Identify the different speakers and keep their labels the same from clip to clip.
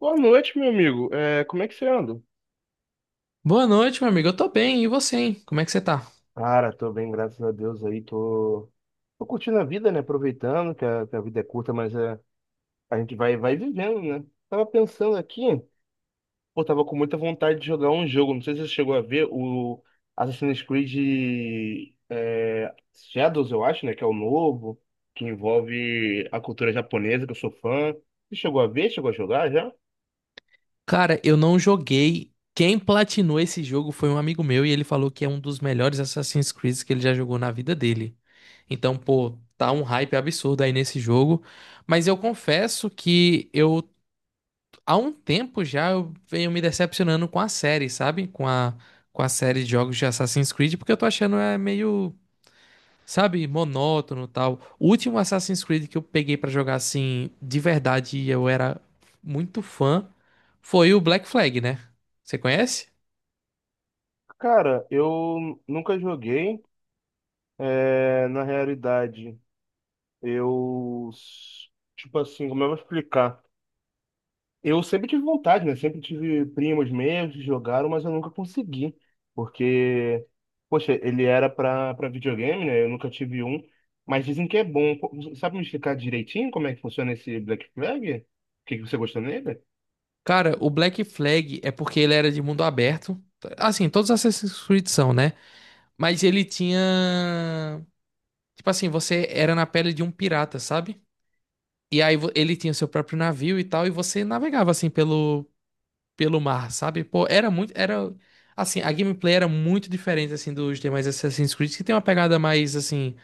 Speaker 1: Boa noite, meu amigo. Como é que você anda?
Speaker 2: Boa noite, meu amigo. Eu tô bem. E você, hein? Como é que você tá?
Speaker 1: Cara, tô bem, graças a Deus aí, tô curtindo a vida, né? Aproveitando que a vida é curta, a gente vai vivendo, né? Tava pensando aqui, pô, tava com muita vontade de jogar um jogo, não sei se você chegou a ver o Assassin's Creed é, Shadows, eu acho, né? Que é o novo, que envolve a cultura japonesa, que eu sou fã. Você chegou a ver? Chegou a jogar já?
Speaker 2: Cara, eu não joguei. Quem platinou esse jogo foi um amigo meu e ele falou que é um dos melhores Assassin's Creed que ele já jogou na vida dele. Então, pô, tá um hype absurdo aí nesse jogo. Mas eu confesso que eu, há um tempo já, eu venho me decepcionando com a série, sabe? Com a série de jogos de Assassin's Creed, porque eu tô achando é meio. Sabe, monótono e tal. O último Assassin's Creed que eu peguei pra jogar assim, de verdade, e eu era muito fã, foi o Black Flag, né? Você conhece?
Speaker 1: Cara, eu nunca joguei. É, na realidade. Eu, tipo assim, como eu vou explicar? Eu sempre tive vontade, né? Sempre tive primos meus que jogaram, mas eu nunca consegui. Porque, poxa, ele era pra videogame, né? Eu nunca tive um. Mas dizem que é bom. Pô, sabe me explicar direitinho como é que funciona esse Black Flag? O que você gostou nele?
Speaker 2: Cara, o Black Flag é porque ele era de mundo aberto. Assim, todos os Assassin's Creed são, né? Mas ele tinha. Tipo assim, você era na pele de um pirata, sabe? E aí ele tinha seu próprio navio e tal, e você navegava assim pelo mar, sabe? Pô, era muito, era assim, a gameplay era muito diferente assim dos demais Assassin's Creed, que tem uma pegada mais assim,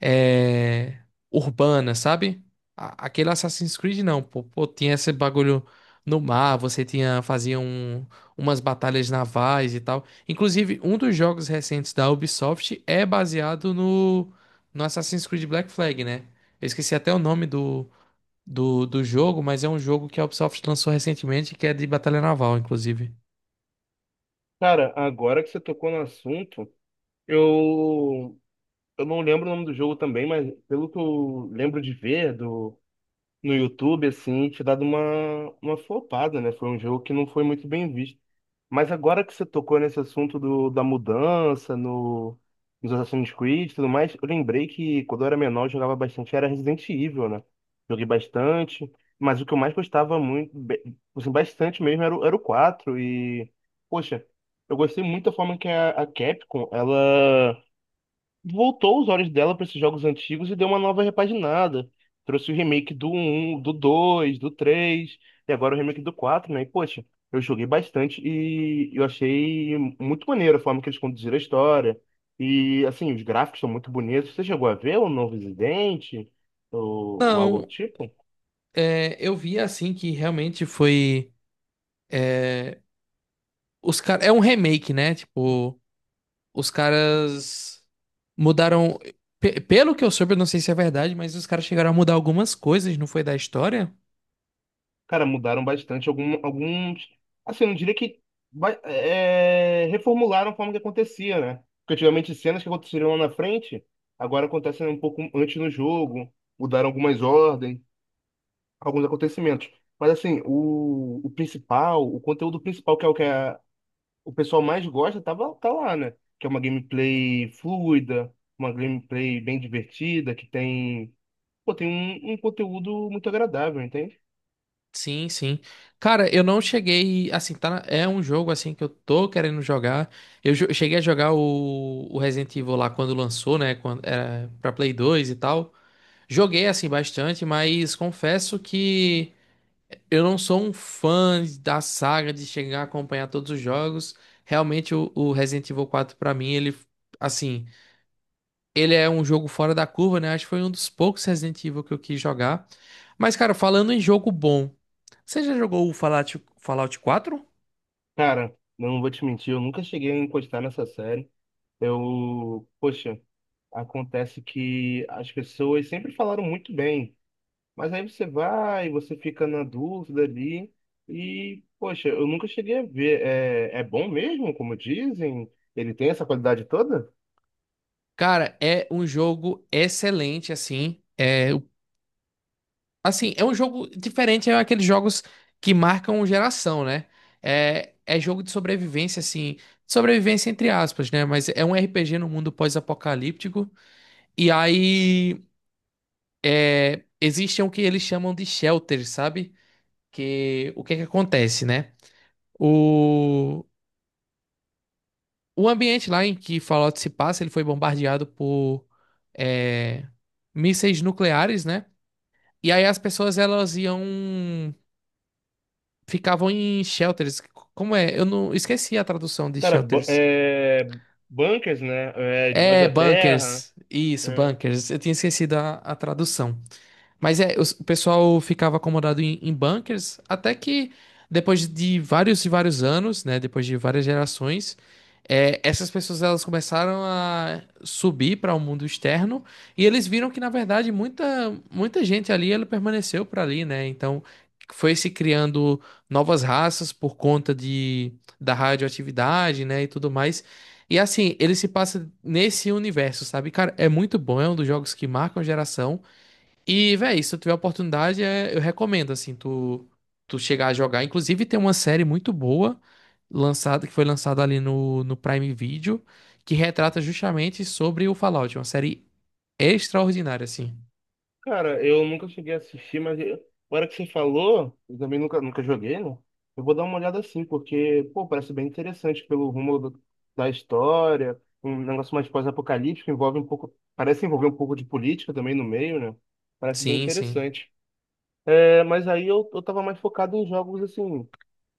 Speaker 2: é, urbana, sabe? Aquele Assassin's Creed não, pô, tinha esse bagulho no mar, você tinha fazia umas batalhas navais e tal. Inclusive, um dos jogos recentes da Ubisoft é baseado no Assassin's Creed Black Flag, né? Eu esqueci até o nome do jogo, mas é um jogo que a Ubisoft lançou recentemente, que é de Batalha Naval, inclusive.
Speaker 1: Cara, agora que você tocou no assunto, eu, eu não lembro o nome do jogo também, mas pelo que eu lembro de ver, do no YouTube, assim, e te dado uma flopada, né? Foi um jogo que não foi muito bem visto. Mas agora que você tocou nesse assunto da mudança no, nos Assassin's Creed e tudo mais, eu lembrei que quando eu era menor eu jogava bastante, era Resident Evil, né? Joguei bastante, mas o que eu mais gostava muito, assim, bastante mesmo, era o 4 E, poxa, eu gostei muito da forma que a Capcom, ela voltou os olhos dela para esses jogos antigos e deu uma nova repaginada. Trouxe o remake do um, do 2, do 3 e agora o remake do 4, né? E, poxa, eu joguei bastante e eu achei muito maneiro a forma que eles conduziram a história. E, assim, os gráficos são muito bonitos. Você chegou a ver o novo Resident ou algo do
Speaker 2: Não,
Speaker 1: tipo?
Speaker 2: é, eu vi assim que realmente foi. É, os cara, é um remake, né? Tipo, os caras mudaram. Pelo que eu soube, eu não sei se é verdade, mas os caras chegaram a mudar algumas coisas, não foi da história?
Speaker 1: Cara, mudaram bastante alguns. Assim, eu não diria que reformularam a forma que acontecia, né? Porque antigamente cenas que aconteceriam lá na frente, agora acontecem um pouco antes no jogo, mudaram algumas ordens, alguns acontecimentos. Mas assim, o principal, o conteúdo principal, que é o que o pessoal mais gosta, tá lá, né? Que é uma gameplay fluida, uma gameplay bem divertida, que tem, pô, tem um conteúdo muito agradável, entende?
Speaker 2: Sim, sim. Cara, eu não cheguei. Assim, tá, é um jogo assim que eu tô querendo jogar. Eu cheguei a jogar o Resident Evil lá quando lançou, né? Quando era pra Play 2 e tal. Joguei assim bastante, mas confesso que eu não sou um fã da saga de chegar a acompanhar todos os jogos. Realmente, o Resident Evil quatro pra mim, ele, assim, ele é um jogo fora da curva, né? Acho que foi um dos poucos Resident Evil que eu quis jogar. Mas, cara, falando em jogo bom. Você já jogou o Fallout, Fallout 4?
Speaker 1: Cara, não vou te mentir, eu nunca cheguei a encostar nessa série. Eu, poxa, acontece que as pessoas sempre falaram muito bem, mas aí você fica na dúvida ali, e, poxa, eu nunca cheguei a ver. É, é bom mesmo, como dizem? Ele tem essa qualidade toda?
Speaker 2: Cara, é um jogo excelente, assim. Assim, é um jogo diferente, é aqueles jogos que marcam geração, né? É, é jogo de sobrevivência, assim. Sobrevivência entre aspas, né? Mas é um RPG no mundo pós-apocalíptico. E aí, existem o que eles chamam de shelters, sabe? Que, o que é que acontece, né? o O ambiente lá em que Fallout se passa, ele foi bombardeado por é, mísseis nucleares, né? E aí as pessoas elas iam ficavam em shelters. Como é? Eu não esqueci a tradução de
Speaker 1: Cara,
Speaker 2: shelters.
Speaker 1: bunkers, né? É, debaixo
Speaker 2: É,
Speaker 1: da terra.
Speaker 2: bunkers. Isso,
Speaker 1: Né?
Speaker 2: bunkers. Eu tinha esquecido a tradução. Mas é, o pessoal ficava acomodado em, em bunkers até que depois de vários e vários anos, né, depois de várias gerações, essas pessoas elas começaram a subir para o mundo externo e eles viram que na verdade muita gente ali ela permaneceu para ali, né? Então foi se criando novas raças por conta de da radioatividade, né, e tudo mais. E assim, ele se passa nesse universo, sabe? Cara, é muito bom, é um dos jogos que marcam a geração. E, véi, se tu tiver oportunidade, eu recomendo, assim, tu, tu chegar a jogar. Inclusive, tem uma série muito boa lançada, que foi lançada ali no Prime Video, que retrata justamente sobre o Fallout. É uma série extraordinária, assim.
Speaker 1: Cara, eu nunca cheguei a assistir, mas agora que você falou, eu também nunca joguei, né? Eu vou dar uma olhada assim, porque, pô, parece bem interessante pelo rumo da história, um negócio mais pós-apocalíptico, envolve um pouco, parece envolver um pouco de política também no meio, né? Parece bem
Speaker 2: Sim, sim.
Speaker 1: interessante. É, mas aí eu tava mais focado em jogos, assim,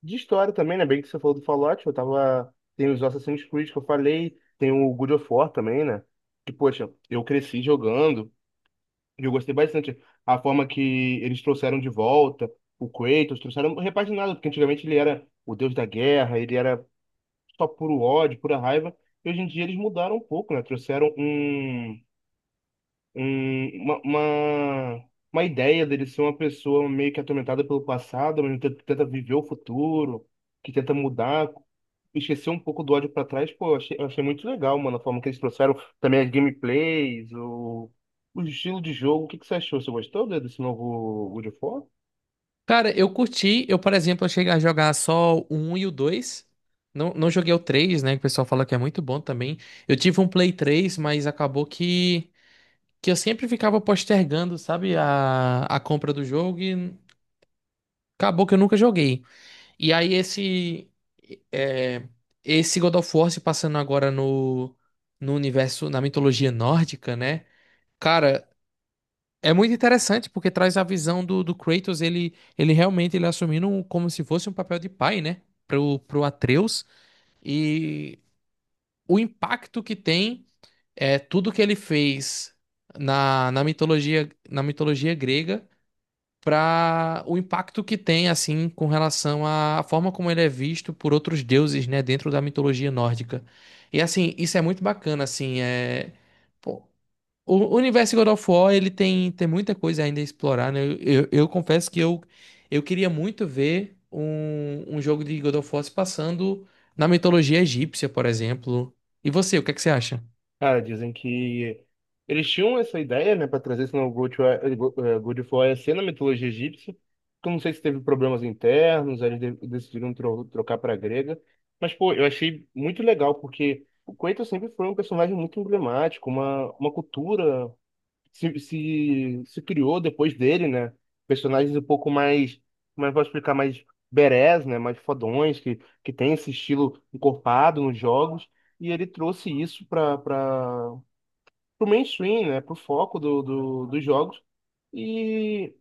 Speaker 1: de história também, né? Bem que você falou do Fallout, eu tava... Tem os Assassin's Creed que eu falei, tem o God of War também, né? Que, poxa, eu cresci jogando, eu gostei bastante. A forma que eles trouxeram de volta o Kratos, trouxeram repaginado, porque antigamente ele era o deus da guerra, ele era só puro ódio, pura raiva. E hoje em dia eles mudaram um pouco, né? Trouxeram um- uma, uma, uma ideia dele ser uma pessoa meio que atormentada pelo passado, mas que tenta viver o futuro, que tenta mudar, esquecer um pouco do ódio pra trás, pô, eu achei muito legal, mano, a forma que eles trouxeram também as gameplays, o estilo de jogo. O que que você achou? Você gostou desse novo God of War?
Speaker 2: Cara, eu curti. Eu, por exemplo, eu cheguei a jogar só o um e o 2. Não, não joguei o 3, né? Que o pessoal fala que é muito bom também. Eu tive um Play 3, mas acabou que eu sempre ficava postergando, sabe? A compra do jogo e acabou que eu nunca joguei. E aí esse... é, esse God of War se passando agora no, no universo, na mitologia nórdica, né? Cara, é muito interessante porque traz a visão do Kratos, ele realmente ele assumindo como se fosse um papel de pai, né? Pro Atreus. E o impacto que tem é tudo que ele fez na mitologia grega para o impacto que tem, assim, com relação à forma como ele é visto por outros deuses, né? Dentro da mitologia nórdica. E, assim, isso é muito bacana, assim, é... pô, o universo God of War, ele tem, tem muita coisa ainda a explorar, né? Eu confesso que eu queria muito ver um, um jogo de God of War se passando na mitologia egípcia, por exemplo. E você, o que é que você acha?
Speaker 1: Cara, dizem que eles tinham essa ideia, né, para trazer esse novo God, eh, Go- eh, God of War a ser na mitologia egípcia. Que Eu não sei se teve problemas internos, aí eles decidiram trocar para grega. Mas, pô, eu achei muito legal, porque o Kratos sempre foi um personagem muito emblemático, uma cultura se criou depois dele, né? Personagens um pouco mais, como é que eu posso explicar, mais berés, né? Mais fodões, que tem esse estilo encorpado nos jogos. E ele trouxe isso para o mainstream, né? Para o foco dos jogos. E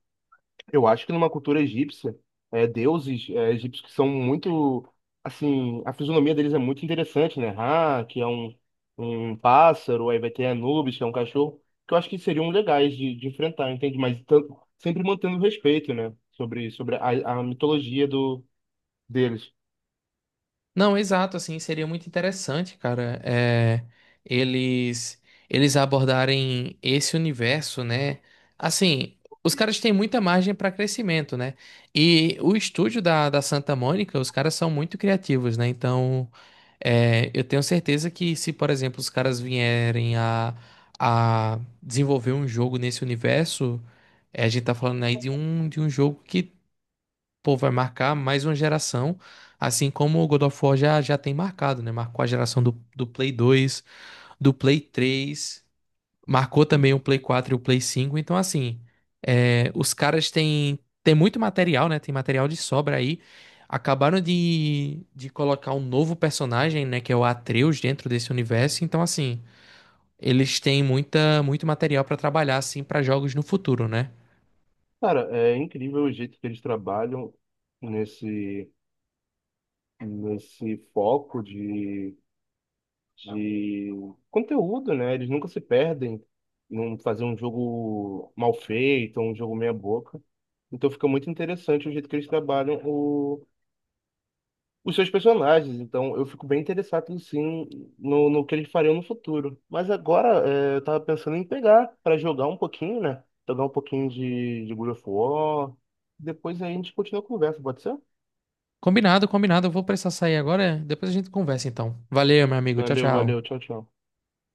Speaker 1: eu acho que numa cultura egípcia, deuses egípcios que são muito, assim, a fisionomia deles é muito interessante, né? Ra, que é um pássaro, aí vai ter Anubis, que é um cachorro, que eu acho que seriam legais de enfrentar, entende? Mas tanto, sempre mantendo respeito, né? Sobre a mitologia do, deles.
Speaker 2: Não, exato, assim, seria muito interessante, cara, é, eles eles abordarem esse universo, né? Assim, os caras têm muita margem para crescimento, né? E o estúdio da Santa Mônica, os caras são muito criativos, né? Então, é, eu tenho certeza que se, por exemplo, os caras vierem a desenvolver um jogo nesse universo, é, a gente tá falando aí de um jogo que pô, vai marcar mais uma geração, assim como o God of War já, já tem marcado, né? Marcou a geração do Play 2, do Play 3, marcou também o Play 4 e o Play 5. Então, assim, é, os caras têm, têm muito material, né? Tem material de sobra aí. Acabaram de colocar um novo personagem, né? Que é o Atreus dentro desse universo. Então, assim, eles têm muita, muito material pra trabalhar, assim, pra jogos no futuro, né?
Speaker 1: Cara, é incrível o jeito que eles trabalham nesse, nesse foco de conteúdo, né? Eles nunca se perdem em um, fazer um jogo mal feito, um jogo meia boca. Então fica muito interessante o jeito que eles trabalham os seus personagens. Então eu fico bem interessado, sim, no que eles fariam no futuro. Mas agora é, eu tava pensando em pegar para jogar um pouquinho, né? Jogar um pouquinho de God of War. Depois aí a gente continua a conversa, pode ser?
Speaker 2: Combinado, combinado. Eu vou precisar sair agora. Depois a gente conversa, então. Valeu, meu amigo. Tchau,
Speaker 1: Valeu, valeu,
Speaker 2: tchau.
Speaker 1: tchau, tchau.